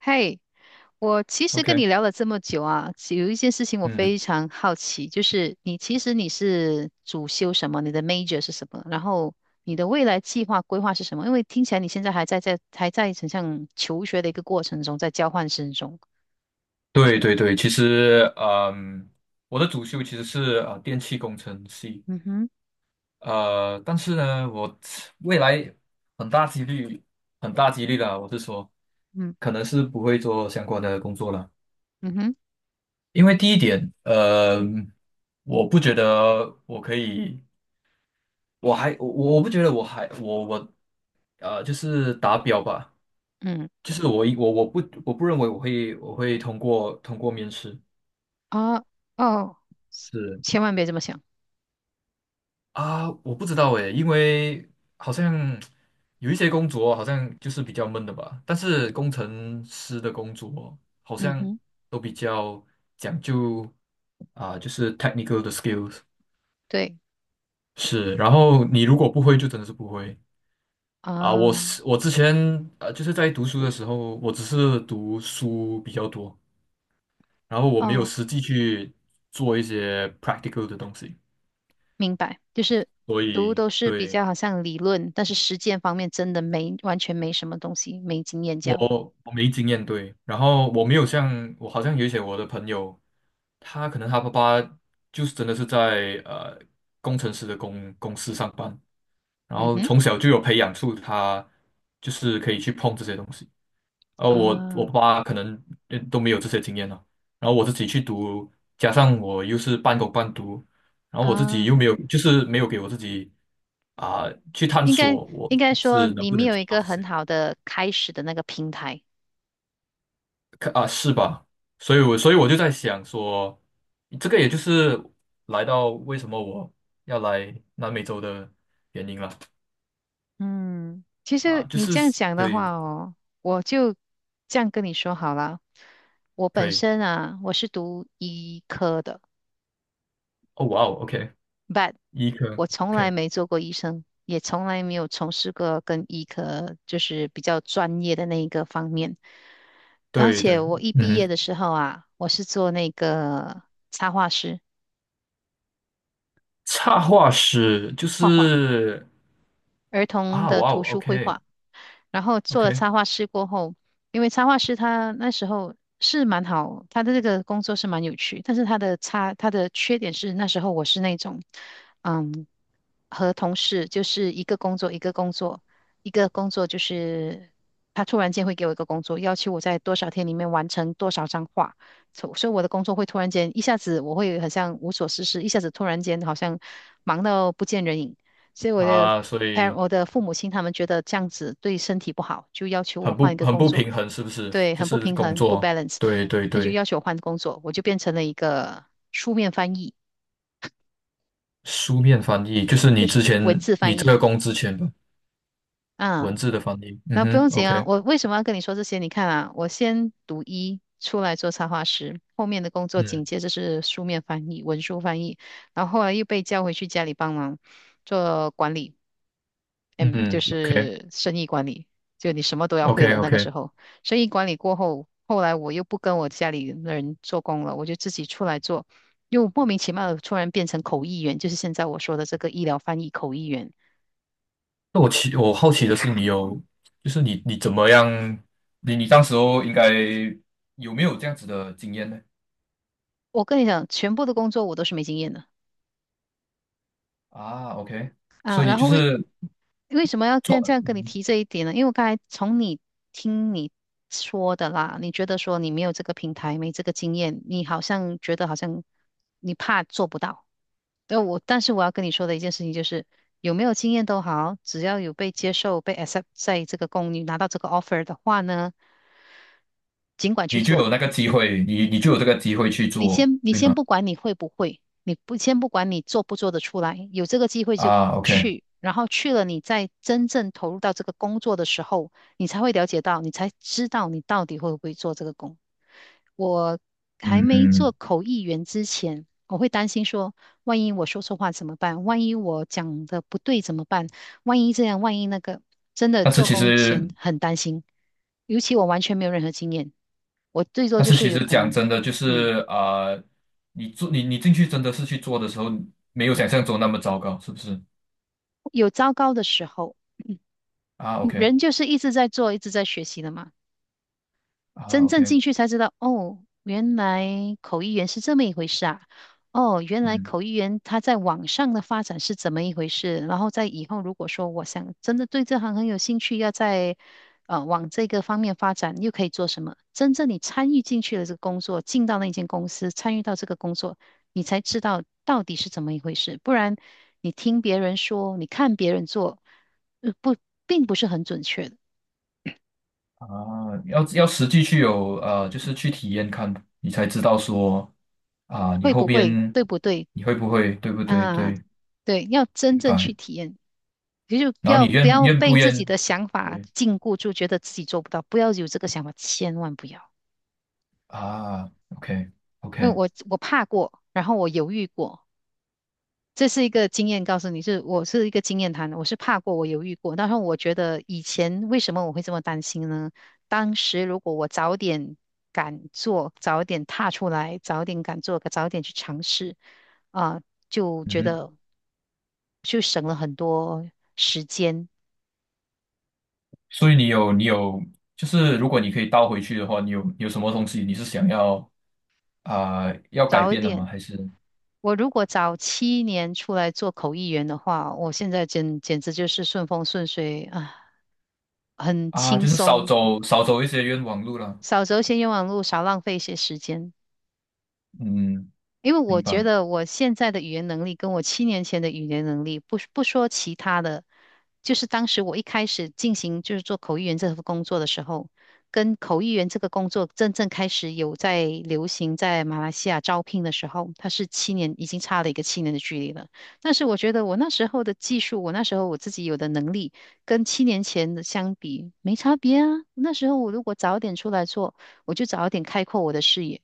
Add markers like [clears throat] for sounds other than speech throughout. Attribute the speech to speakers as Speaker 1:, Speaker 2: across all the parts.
Speaker 1: 嘿，我其实跟
Speaker 2: OK，
Speaker 1: 你聊了这么久啊，有一件事情我
Speaker 2: 嗯，
Speaker 1: 非常好奇，就是你其实你是主修什么，你的 major 是什么，然后你的未来计划规划是什么？因为听起来你现在还在很像求学的一个过程中，在交换生中。
Speaker 2: 对对对，其实，我的主修其实是电气工程系，
Speaker 1: 嗯哼。
Speaker 2: 但是呢，我未来很大几率，很大几率啦，我是说，
Speaker 1: 嗯。
Speaker 2: 可能是不会做相关的工作了，
Speaker 1: 嗯哼。
Speaker 2: 因为第一点，我不觉得我可以，我还我我不觉得我还我我呃就是达标吧，
Speaker 1: 嗯。
Speaker 2: 就是我一我我不我不认为我会通过面试。
Speaker 1: 啊。哦，
Speaker 2: 是。
Speaker 1: 千万别这么想。
Speaker 2: 啊，我不知道诶，因为好像有一些工作好像就是比较闷的吧，但是工程师的工作好
Speaker 1: 嗯
Speaker 2: 像
Speaker 1: 哼。
Speaker 2: 都比较讲究啊，就是 technical 的 skills
Speaker 1: 对
Speaker 2: 是，然后你如果不会就真的是不会啊。
Speaker 1: 啊。
Speaker 2: 我之前就是在读书的时候，我只是读书比较多，然后我没有
Speaker 1: 哦，
Speaker 2: 实际去做一些 practical 的东西，
Speaker 1: 明白，就是
Speaker 2: 所
Speaker 1: 读
Speaker 2: 以
Speaker 1: 都是比
Speaker 2: 对。
Speaker 1: 较好像理论，但是实践方面真的没完全没什么东西，没经验这样。
Speaker 2: 我没经验，对，然后我没有像我好像有一些我的朋友，他可能他爸爸就是真的是在工程师的公司上班，然
Speaker 1: 嗯
Speaker 2: 后
Speaker 1: 哼。
Speaker 2: 从小就有培养出他就是可以去碰这些东西，而我爸
Speaker 1: 啊
Speaker 2: 爸可能都没有这些经验了，然后我自己去读，加上我又是半工半读，然后我自己
Speaker 1: 啊。
Speaker 2: 又没有就是没有给我自己啊、去探
Speaker 1: 应该
Speaker 2: 索我
Speaker 1: 应该说
Speaker 2: 是能
Speaker 1: 你
Speaker 2: 不
Speaker 1: 没
Speaker 2: 能
Speaker 1: 有
Speaker 2: 做
Speaker 1: 一
Speaker 2: 到
Speaker 1: 个
Speaker 2: 这
Speaker 1: 很
Speaker 2: 些。
Speaker 1: 好的开始的那个平台。
Speaker 2: 可啊，是吧？所以我就在想说，这个也就是来到为什么我要来南美洲的原因了
Speaker 1: 嗯，其
Speaker 2: 啊，
Speaker 1: 实
Speaker 2: 就
Speaker 1: 你
Speaker 2: 是
Speaker 1: 这样讲的
Speaker 2: 对，
Speaker 1: 话哦，我就这样跟你说好了。我
Speaker 2: 可
Speaker 1: 本
Speaker 2: 以，
Speaker 1: 身啊，我是读医科的
Speaker 2: 哦，哇哦，OK，
Speaker 1: ，but
Speaker 2: 医科
Speaker 1: 我从来
Speaker 2: ，OK，
Speaker 1: 没做过医生，也从来没有从事过跟医科就是比较专业的那一个方面。而
Speaker 2: 对
Speaker 1: 且
Speaker 2: 对，
Speaker 1: 我一
Speaker 2: 嗯
Speaker 1: 毕业
Speaker 2: 哼，
Speaker 1: 的时候啊，我是做那个插画师，
Speaker 2: 插画师就
Speaker 1: 画画。
Speaker 2: 是
Speaker 1: 儿童
Speaker 2: 啊，
Speaker 1: 的
Speaker 2: 哇哦
Speaker 1: 图书绘
Speaker 2: ，OK
Speaker 1: 画，然后做
Speaker 2: OK
Speaker 1: 了插画师过后，因为插画师他那时候是蛮好，他的这个工作是蛮有趣，但是他的缺点是那时候我是那种，嗯，和同事就是一个工作一个工作一个工作，就是他突然间会给我一个工作，要求我在多少天里面完成多少张画，所以我的工作会突然间一下子我会很像无所事事，一下子突然间好像忙到不见人影。所以我的
Speaker 2: 啊，所
Speaker 1: parent,
Speaker 2: 以
Speaker 1: 我的父母亲他们觉得这样子对身体不好，就要求我换一个
Speaker 2: 很
Speaker 1: 工
Speaker 2: 不
Speaker 1: 作，
Speaker 2: 平衡，是不是？
Speaker 1: 对，
Speaker 2: 就
Speaker 1: 很不
Speaker 2: 是
Speaker 1: 平
Speaker 2: 工
Speaker 1: 衡，不
Speaker 2: 作，
Speaker 1: balance,
Speaker 2: 对对
Speaker 1: 他就
Speaker 2: 对，
Speaker 1: 要求我换工作，我就变成了一个书面翻译，
Speaker 2: 书面翻译，就是
Speaker 1: 就
Speaker 2: 你
Speaker 1: 是
Speaker 2: 之
Speaker 1: 文
Speaker 2: 前
Speaker 1: 字
Speaker 2: 你
Speaker 1: 翻
Speaker 2: 这
Speaker 1: 译，
Speaker 2: 个工之前吧。文
Speaker 1: 啊，
Speaker 2: 字的翻译。嗯
Speaker 1: 那不
Speaker 2: 哼
Speaker 1: 用紧啊，
Speaker 2: ，OK，
Speaker 1: 我为什么要跟你说这些？你看啊，我先读一出来做插画师，后面的工作
Speaker 2: 嗯
Speaker 1: 紧接着是书面翻译、文书翻译，然后后来又被叫回去家里帮忙做管理。嗯，就
Speaker 2: 嗯
Speaker 1: 是生意管理，就你什么都要会了。那个
Speaker 2: ，OK，OK，OK。
Speaker 1: 时候，生意管理过后，后来我又不跟我家里人做工了，我就自己出来做，又莫名其妙的突然变成口译员，就是现在我说的这个医疗翻译口译员。
Speaker 2: 那我好奇的是，你有你怎么样？你当时候应该有没有这样子的经验呢？
Speaker 1: 我跟你讲，全部的工作我都是没经验的
Speaker 2: 啊，OK，所
Speaker 1: 啊。
Speaker 2: 以你
Speaker 1: 然
Speaker 2: 就
Speaker 1: 后为
Speaker 2: 是
Speaker 1: 为什么要这样这
Speaker 2: 做，
Speaker 1: 样跟你
Speaker 2: 嗯
Speaker 1: 提这一点呢？因为我刚才从你听你说的啦，你觉得说你没有这个平台，没这个经验，你好像觉得好像你怕做不到。那我，但是我要跟你说的一件事情就是，有没有经验都好，只要有被接受、被 accept 在这个公，你拿到这个 offer 的话呢，尽管去
Speaker 2: 你就有
Speaker 1: 做。
Speaker 2: 那个机会，你就有这个机会去
Speaker 1: 你
Speaker 2: 做，
Speaker 1: 先，你
Speaker 2: 对
Speaker 1: 先
Speaker 2: 吗？
Speaker 1: 不管你会不会，你不管你做不做得出来，有这个机会就
Speaker 2: 啊，OK，
Speaker 1: 去，然后去了，你再真正投入到这个工作的时候，你才会了解到，你才知道你到底会不会做这个工。我
Speaker 2: 嗯
Speaker 1: 还没做
Speaker 2: 嗯。
Speaker 1: 口译员之前，我会担心说，万一我说错话怎么办？万一我讲的不对怎么办？万一这样，万一那个，真的
Speaker 2: 但是
Speaker 1: 做
Speaker 2: 其
Speaker 1: 工
Speaker 2: 实，
Speaker 1: 前很担心，尤其我完全没有任何经验，我最多
Speaker 2: 但
Speaker 1: 就
Speaker 2: 是
Speaker 1: 是
Speaker 2: 其
Speaker 1: 有
Speaker 2: 实
Speaker 1: 可
Speaker 2: 讲
Speaker 1: 能。
Speaker 2: 真的，就
Speaker 1: 嗯。
Speaker 2: 是你进去真的是去做的时候，没有想象中那么糟糕，是不是？
Speaker 1: 有糟糕的时候，嗯
Speaker 2: 啊，OK。
Speaker 1: 人就是一直在做，一直在学习的嘛。真
Speaker 2: 啊
Speaker 1: 正
Speaker 2: ，OK，
Speaker 1: 进去才知道，哦，原来口译员是这么一回事啊！哦，原来
Speaker 2: 嗯，
Speaker 1: 口译员他在网上的发展是怎么一回事？然后在以后如果说我想真的对这行很有兴趣，要在往这个方面发展，又可以做什么？真正你参与进去了这个工作，进到那间公司，参与到这个工作，你才知道到底是怎么一回事。不然你听别人说，你看别人做，不，并不是很准确的。
Speaker 2: 啊，要实际就是去体验看，你才知道说啊，你
Speaker 1: 会
Speaker 2: 后
Speaker 1: 不会，
Speaker 2: 边
Speaker 1: 对不对？
Speaker 2: 你会不会，对不对？
Speaker 1: 啊，
Speaker 2: 对，
Speaker 1: 对，要真
Speaker 2: 明
Speaker 1: 正去
Speaker 2: 白。
Speaker 1: 体验，也就不
Speaker 2: 然后你
Speaker 1: 要不
Speaker 2: 愿
Speaker 1: 要
Speaker 2: 愿不
Speaker 1: 被自己
Speaker 2: 愿，
Speaker 1: 的想法
Speaker 2: 对
Speaker 1: 禁锢住，觉得自己做不到，不要有这个想法，千万不要。
Speaker 2: 啊，OK
Speaker 1: 因为
Speaker 2: OK，
Speaker 1: 我怕过，然后我犹豫过，这是一个经验，告诉你是我是一个经验谈，我是怕过，我犹豫过，但是我觉得以前为什么我会这么担心呢？当时如果我早点敢做，早点踏出来，早点敢做，早点去尝试，啊、就
Speaker 2: 嗯
Speaker 1: 觉
Speaker 2: 哼。
Speaker 1: 得就省了很多时间。
Speaker 2: 所以你有你有，就是如果你可以倒回去的话，你有什么东西你是想要要改
Speaker 1: 早一
Speaker 2: 变的吗？
Speaker 1: 点，
Speaker 2: 还是
Speaker 1: 我如果早七年出来做口译员的话，我现在简直就是顺风顺水啊，很
Speaker 2: 啊，
Speaker 1: 轻
Speaker 2: 就是少
Speaker 1: 松，
Speaker 2: 走少走一些冤枉路了？
Speaker 1: 少走一些冤枉路，少浪费一些时间。
Speaker 2: 嗯，
Speaker 1: 因为我
Speaker 2: 明
Speaker 1: 觉
Speaker 2: 白。
Speaker 1: 得我现在的语言能力跟我七年前的语言能力，不说其他的，就是当时我一开始进行就是做口译员这份工作的时候，跟口译员这个工作真正开始有在流行在马来西亚招聘的时候，它是七年，已经差了一个七年的距离了。但是我觉得我那时候的技术，我那时候我自己有的能力，跟七年前的相比没差别啊。那时候我如果早点出来做，我就早点开阔我的视野。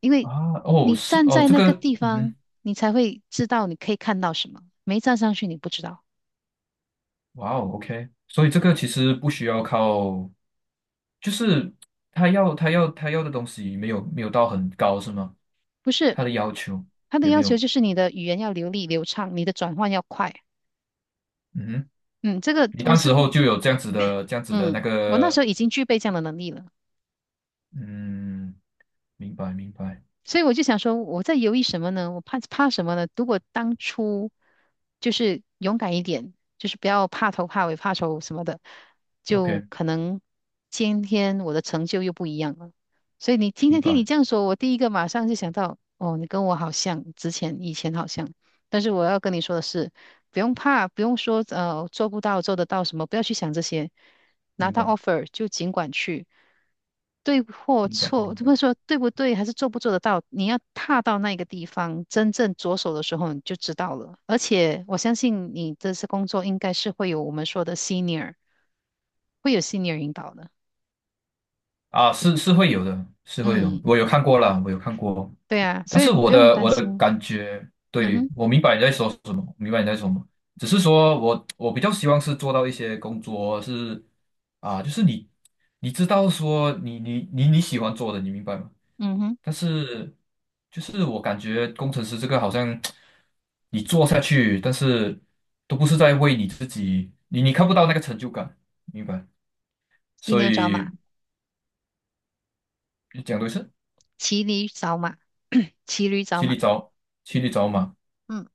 Speaker 1: 因为
Speaker 2: 啊，哦，
Speaker 1: 你
Speaker 2: 是
Speaker 1: 站
Speaker 2: 哦，
Speaker 1: 在
Speaker 2: 这
Speaker 1: 那
Speaker 2: 个，
Speaker 1: 个地
Speaker 2: 嗯
Speaker 1: 方，
Speaker 2: 哼。
Speaker 1: 你才会知道你可以看到什么。没站上去，你不知道。
Speaker 2: 哇哦，OK，所以这个其实不需要靠，就是他要的东西没有到很高是吗？
Speaker 1: 不是，
Speaker 2: 他的要求
Speaker 1: 他的
Speaker 2: 也没
Speaker 1: 要求
Speaker 2: 有，
Speaker 1: 就是你的语言要流利流畅，你的转换要快。
Speaker 2: 嗯哼，
Speaker 1: 嗯，这个
Speaker 2: 你
Speaker 1: 我
Speaker 2: 当
Speaker 1: 是
Speaker 2: 时候
Speaker 1: 我
Speaker 2: 就有这样子的那
Speaker 1: 嗯，我那时
Speaker 2: 个，
Speaker 1: 候已经具备这样的能力了。
Speaker 2: 嗯，明白明白
Speaker 1: 所以我就想说，我在犹豫什么呢？我怕什么呢？如果当初就是勇敢一点，就是不要怕头怕尾怕丑什么的，就
Speaker 2: ，OK，
Speaker 1: 可能今天我的成就又不一样了。所以你今
Speaker 2: 明
Speaker 1: 天听你
Speaker 2: 白
Speaker 1: 这样说，我第一个马上就想到，哦，你跟我好像，之前以前好像。但是我要跟你说的是，不用怕，不用说做不到做得到什么，不要去想这些。拿
Speaker 2: 明
Speaker 1: 到
Speaker 2: 白
Speaker 1: offer 就尽管去，对或
Speaker 2: 明白
Speaker 1: 错，或
Speaker 2: 明
Speaker 1: 者
Speaker 2: 白
Speaker 1: 说对不对，还是做不做得到，你要踏到那个地方，真正着手的时候，你就知道了。而且我相信你这次工作应该是会有我们说的 senior,会有 senior 引导的。
Speaker 2: 啊，是是会有的，是会有，
Speaker 1: 嗯，
Speaker 2: 我有看过了，我有看过，
Speaker 1: 对啊，
Speaker 2: 但
Speaker 1: 所以
Speaker 2: 是我
Speaker 1: 不用
Speaker 2: 的
Speaker 1: 担
Speaker 2: 我的
Speaker 1: 心。
Speaker 2: 感觉，
Speaker 1: 嗯
Speaker 2: 对，
Speaker 1: 哼。
Speaker 2: 我明白你在说什么，明白你在说什么，只是说我比较希望是做到一些工作是啊，就是你知道说你喜欢做的，你明白吗？
Speaker 1: 嗯哼。
Speaker 2: 但是就是我感觉工程师这个好像你做下去，但是都不是在为你自己，你看不到那个成就感，明白？
Speaker 1: 骑
Speaker 2: 所
Speaker 1: 牛找马，
Speaker 2: 以讲对是
Speaker 1: 骑驴找马，[coughs] [clears throat] 骑驴找
Speaker 2: 骑
Speaker 1: 马。
Speaker 2: 里找骑里找马，
Speaker 1: 嗯。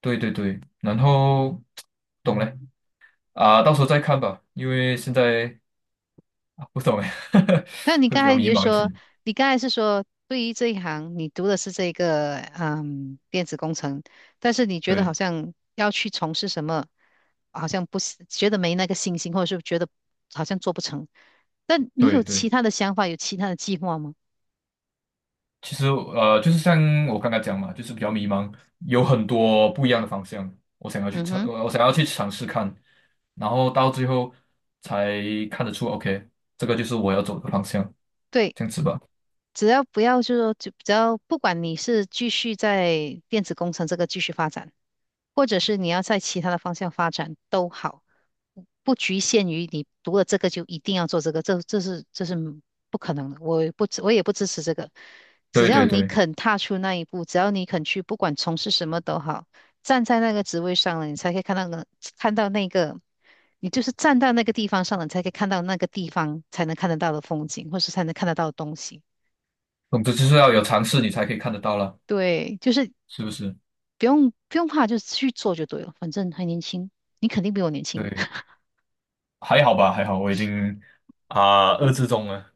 Speaker 2: 对对对，然后懂了。啊，到时候再看吧，因为现在啊不懂哎，
Speaker 1: 但你
Speaker 2: [laughs] 会
Speaker 1: 刚
Speaker 2: 比较
Speaker 1: 才你
Speaker 2: 迷
Speaker 1: 就
Speaker 2: 茫一些。
Speaker 1: 说，你刚才是说，对于这一行，你读的是这个嗯电子工程，但是你觉得好
Speaker 2: 对
Speaker 1: 像要去从事什么，好像不是觉得没那个信心，或者是觉得好像做不成。但你
Speaker 2: 对
Speaker 1: 有其
Speaker 2: 对，
Speaker 1: 他的想法，有其他的计划吗？
Speaker 2: 其实就是像我刚刚讲嘛，就是比较迷茫，有很多不一样的方向，
Speaker 1: 嗯哼。
Speaker 2: 我想要去尝试看，然后到最后才看得出，OK，这个就是我要走的方向，
Speaker 1: 对，
Speaker 2: 这样子吧。
Speaker 1: 只要不要就是说，就只要不管你是继续在电子工程这个继续发展，或者是你要在其他的方向发展都好。不局限于你读了这个就一定要做这个，这是不可能的，我也不支持这个。只
Speaker 2: 对
Speaker 1: 要
Speaker 2: 对
Speaker 1: 你
Speaker 2: 对，
Speaker 1: 肯踏出那一步，只要你肯去，不管从事什么都好，站在那个职位上了，你才可以看到那个，你就是站到那个地方上了，你才可以看到那个地方才能看得到的风景，或是才能看得到的东西。
Speaker 2: 总之就是要有尝试，你才可以看得到了，
Speaker 1: 对，就是
Speaker 2: 是不是？
Speaker 1: 不用怕，就去做就对了，反正还年轻，你肯定比我年轻。
Speaker 2: 对，
Speaker 1: [laughs]
Speaker 2: 还好吧，还好，我已经二遏制中了。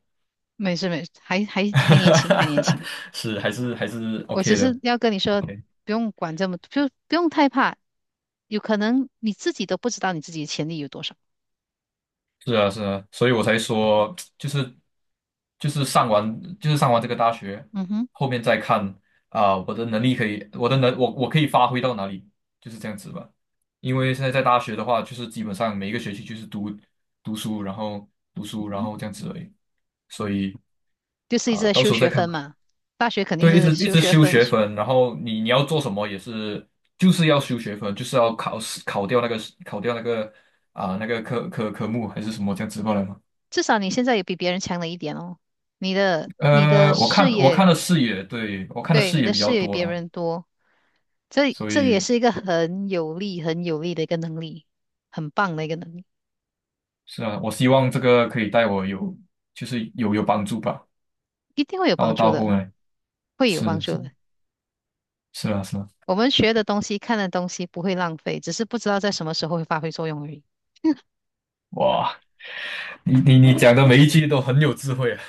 Speaker 1: 没事没事，还
Speaker 2: [laughs]
Speaker 1: 还还
Speaker 2: 哈
Speaker 1: 年轻，还
Speaker 2: 哈
Speaker 1: 年
Speaker 2: 哈，
Speaker 1: 轻。
Speaker 2: 是还是
Speaker 1: 我只
Speaker 2: OK
Speaker 1: 是
Speaker 2: 的
Speaker 1: 要跟你说，
Speaker 2: ，OK，
Speaker 1: 不用管这么，就不用太怕，有可能你自己都不知道你自己的潜力有多少。
Speaker 2: 是啊是啊，所以我才说 [tsk] 就是上完这个大学，
Speaker 1: 嗯哼。
Speaker 2: 后面再看我的能力可以，我的能我可以发挥到哪里，就是这样子吧。因为现在在大学的话，就是基本上每一个学期就是读书，然后读
Speaker 1: 嗯
Speaker 2: 书，然
Speaker 1: 哼。
Speaker 2: 后这样子而已，所以
Speaker 1: 就是一直在
Speaker 2: 到
Speaker 1: 修
Speaker 2: 时候再
Speaker 1: 学
Speaker 2: 看
Speaker 1: 分
Speaker 2: 吧。
Speaker 1: 嘛，大学肯定
Speaker 2: 对，一直
Speaker 1: 是
Speaker 2: 一
Speaker 1: 修
Speaker 2: 直
Speaker 1: 学
Speaker 2: 修
Speaker 1: 分，
Speaker 2: 学分，然后你要做什么也是，就是要修学分，就是要考试考掉那个那个科目还是什么这样子过来吗？
Speaker 1: 至少你现在也比别人强了一点哦。你的视
Speaker 2: 我
Speaker 1: 野，
Speaker 2: 看的视野，对，我看的
Speaker 1: 对，
Speaker 2: 视
Speaker 1: 你
Speaker 2: 野
Speaker 1: 的
Speaker 2: 比
Speaker 1: 视
Speaker 2: 较
Speaker 1: 野比
Speaker 2: 多
Speaker 1: 别
Speaker 2: 了，
Speaker 1: 人多，这
Speaker 2: 所
Speaker 1: 这个也
Speaker 2: 以
Speaker 1: 是一个很有利、很有利的一个能力，很棒的一个能力，
Speaker 2: 是啊，我希望这个可以带我有就是有帮助吧。
Speaker 1: 一定会有
Speaker 2: 然
Speaker 1: 帮
Speaker 2: 后
Speaker 1: 助
Speaker 2: 到后
Speaker 1: 的，
Speaker 2: 来
Speaker 1: 会有帮
Speaker 2: 是
Speaker 1: 助
Speaker 2: 是
Speaker 1: 的。
Speaker 2: 是啊是啊，
Speaker 1: 我们学的东西、看的东西不会浪费，只是不知道在什么时候会发挥作用而已。
Speaker 2: 哇，你讲的每一句都很有智慧啊。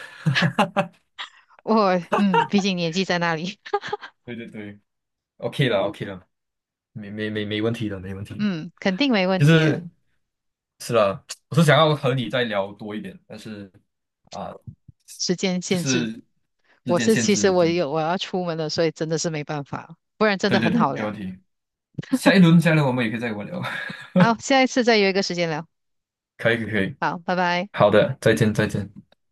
Speaker 1: [laughs] 我嗯，毕竟年纪在那里，
Speaker 2: 对对对，OK 了 OK 了，没问题的，
Speaker 1: [laughs]
Speaker 2: 没问题的。
Speaker 1: 嗯，肯定没问
Speaker 2: 就
Speaker 1: 题
Speaker 2: 是
Speaker 1: 的。
Speaker 2: 是的我是想要和你再聊多一点，但是啊、
Speaker 1: 时间
Speaker 2: 就
Speaker 1: 限制，
Speaker 2: 是时
Speaker 1: 我
Speaker 2: 间
Speaker 1: 是
Speaker 2: 限
Speaker 1: 其实
Speaker 2: 制，
Speaker 1: 我
Speaker 2: 真的。
Speaker 1: 有我要出门了，所以真的是没办法，不然真
Speaker 2: 对
Speaker 1: 的
Speaker 2: 对
Speaker 1: 很
Speaker 2: 对，
Speaker 1: 好
Speaker 2: 没问
Speaker 1: 聊。
Speaker 2: 题。下一轮我们也可以再玩聊。[laughs]
Speaker 1: 好，下一次再约一个时间聊。
Speaker 2: 可以可以，可以
Speaker 1: 好，拜拜。
Speaker 2: 好的，再见再见。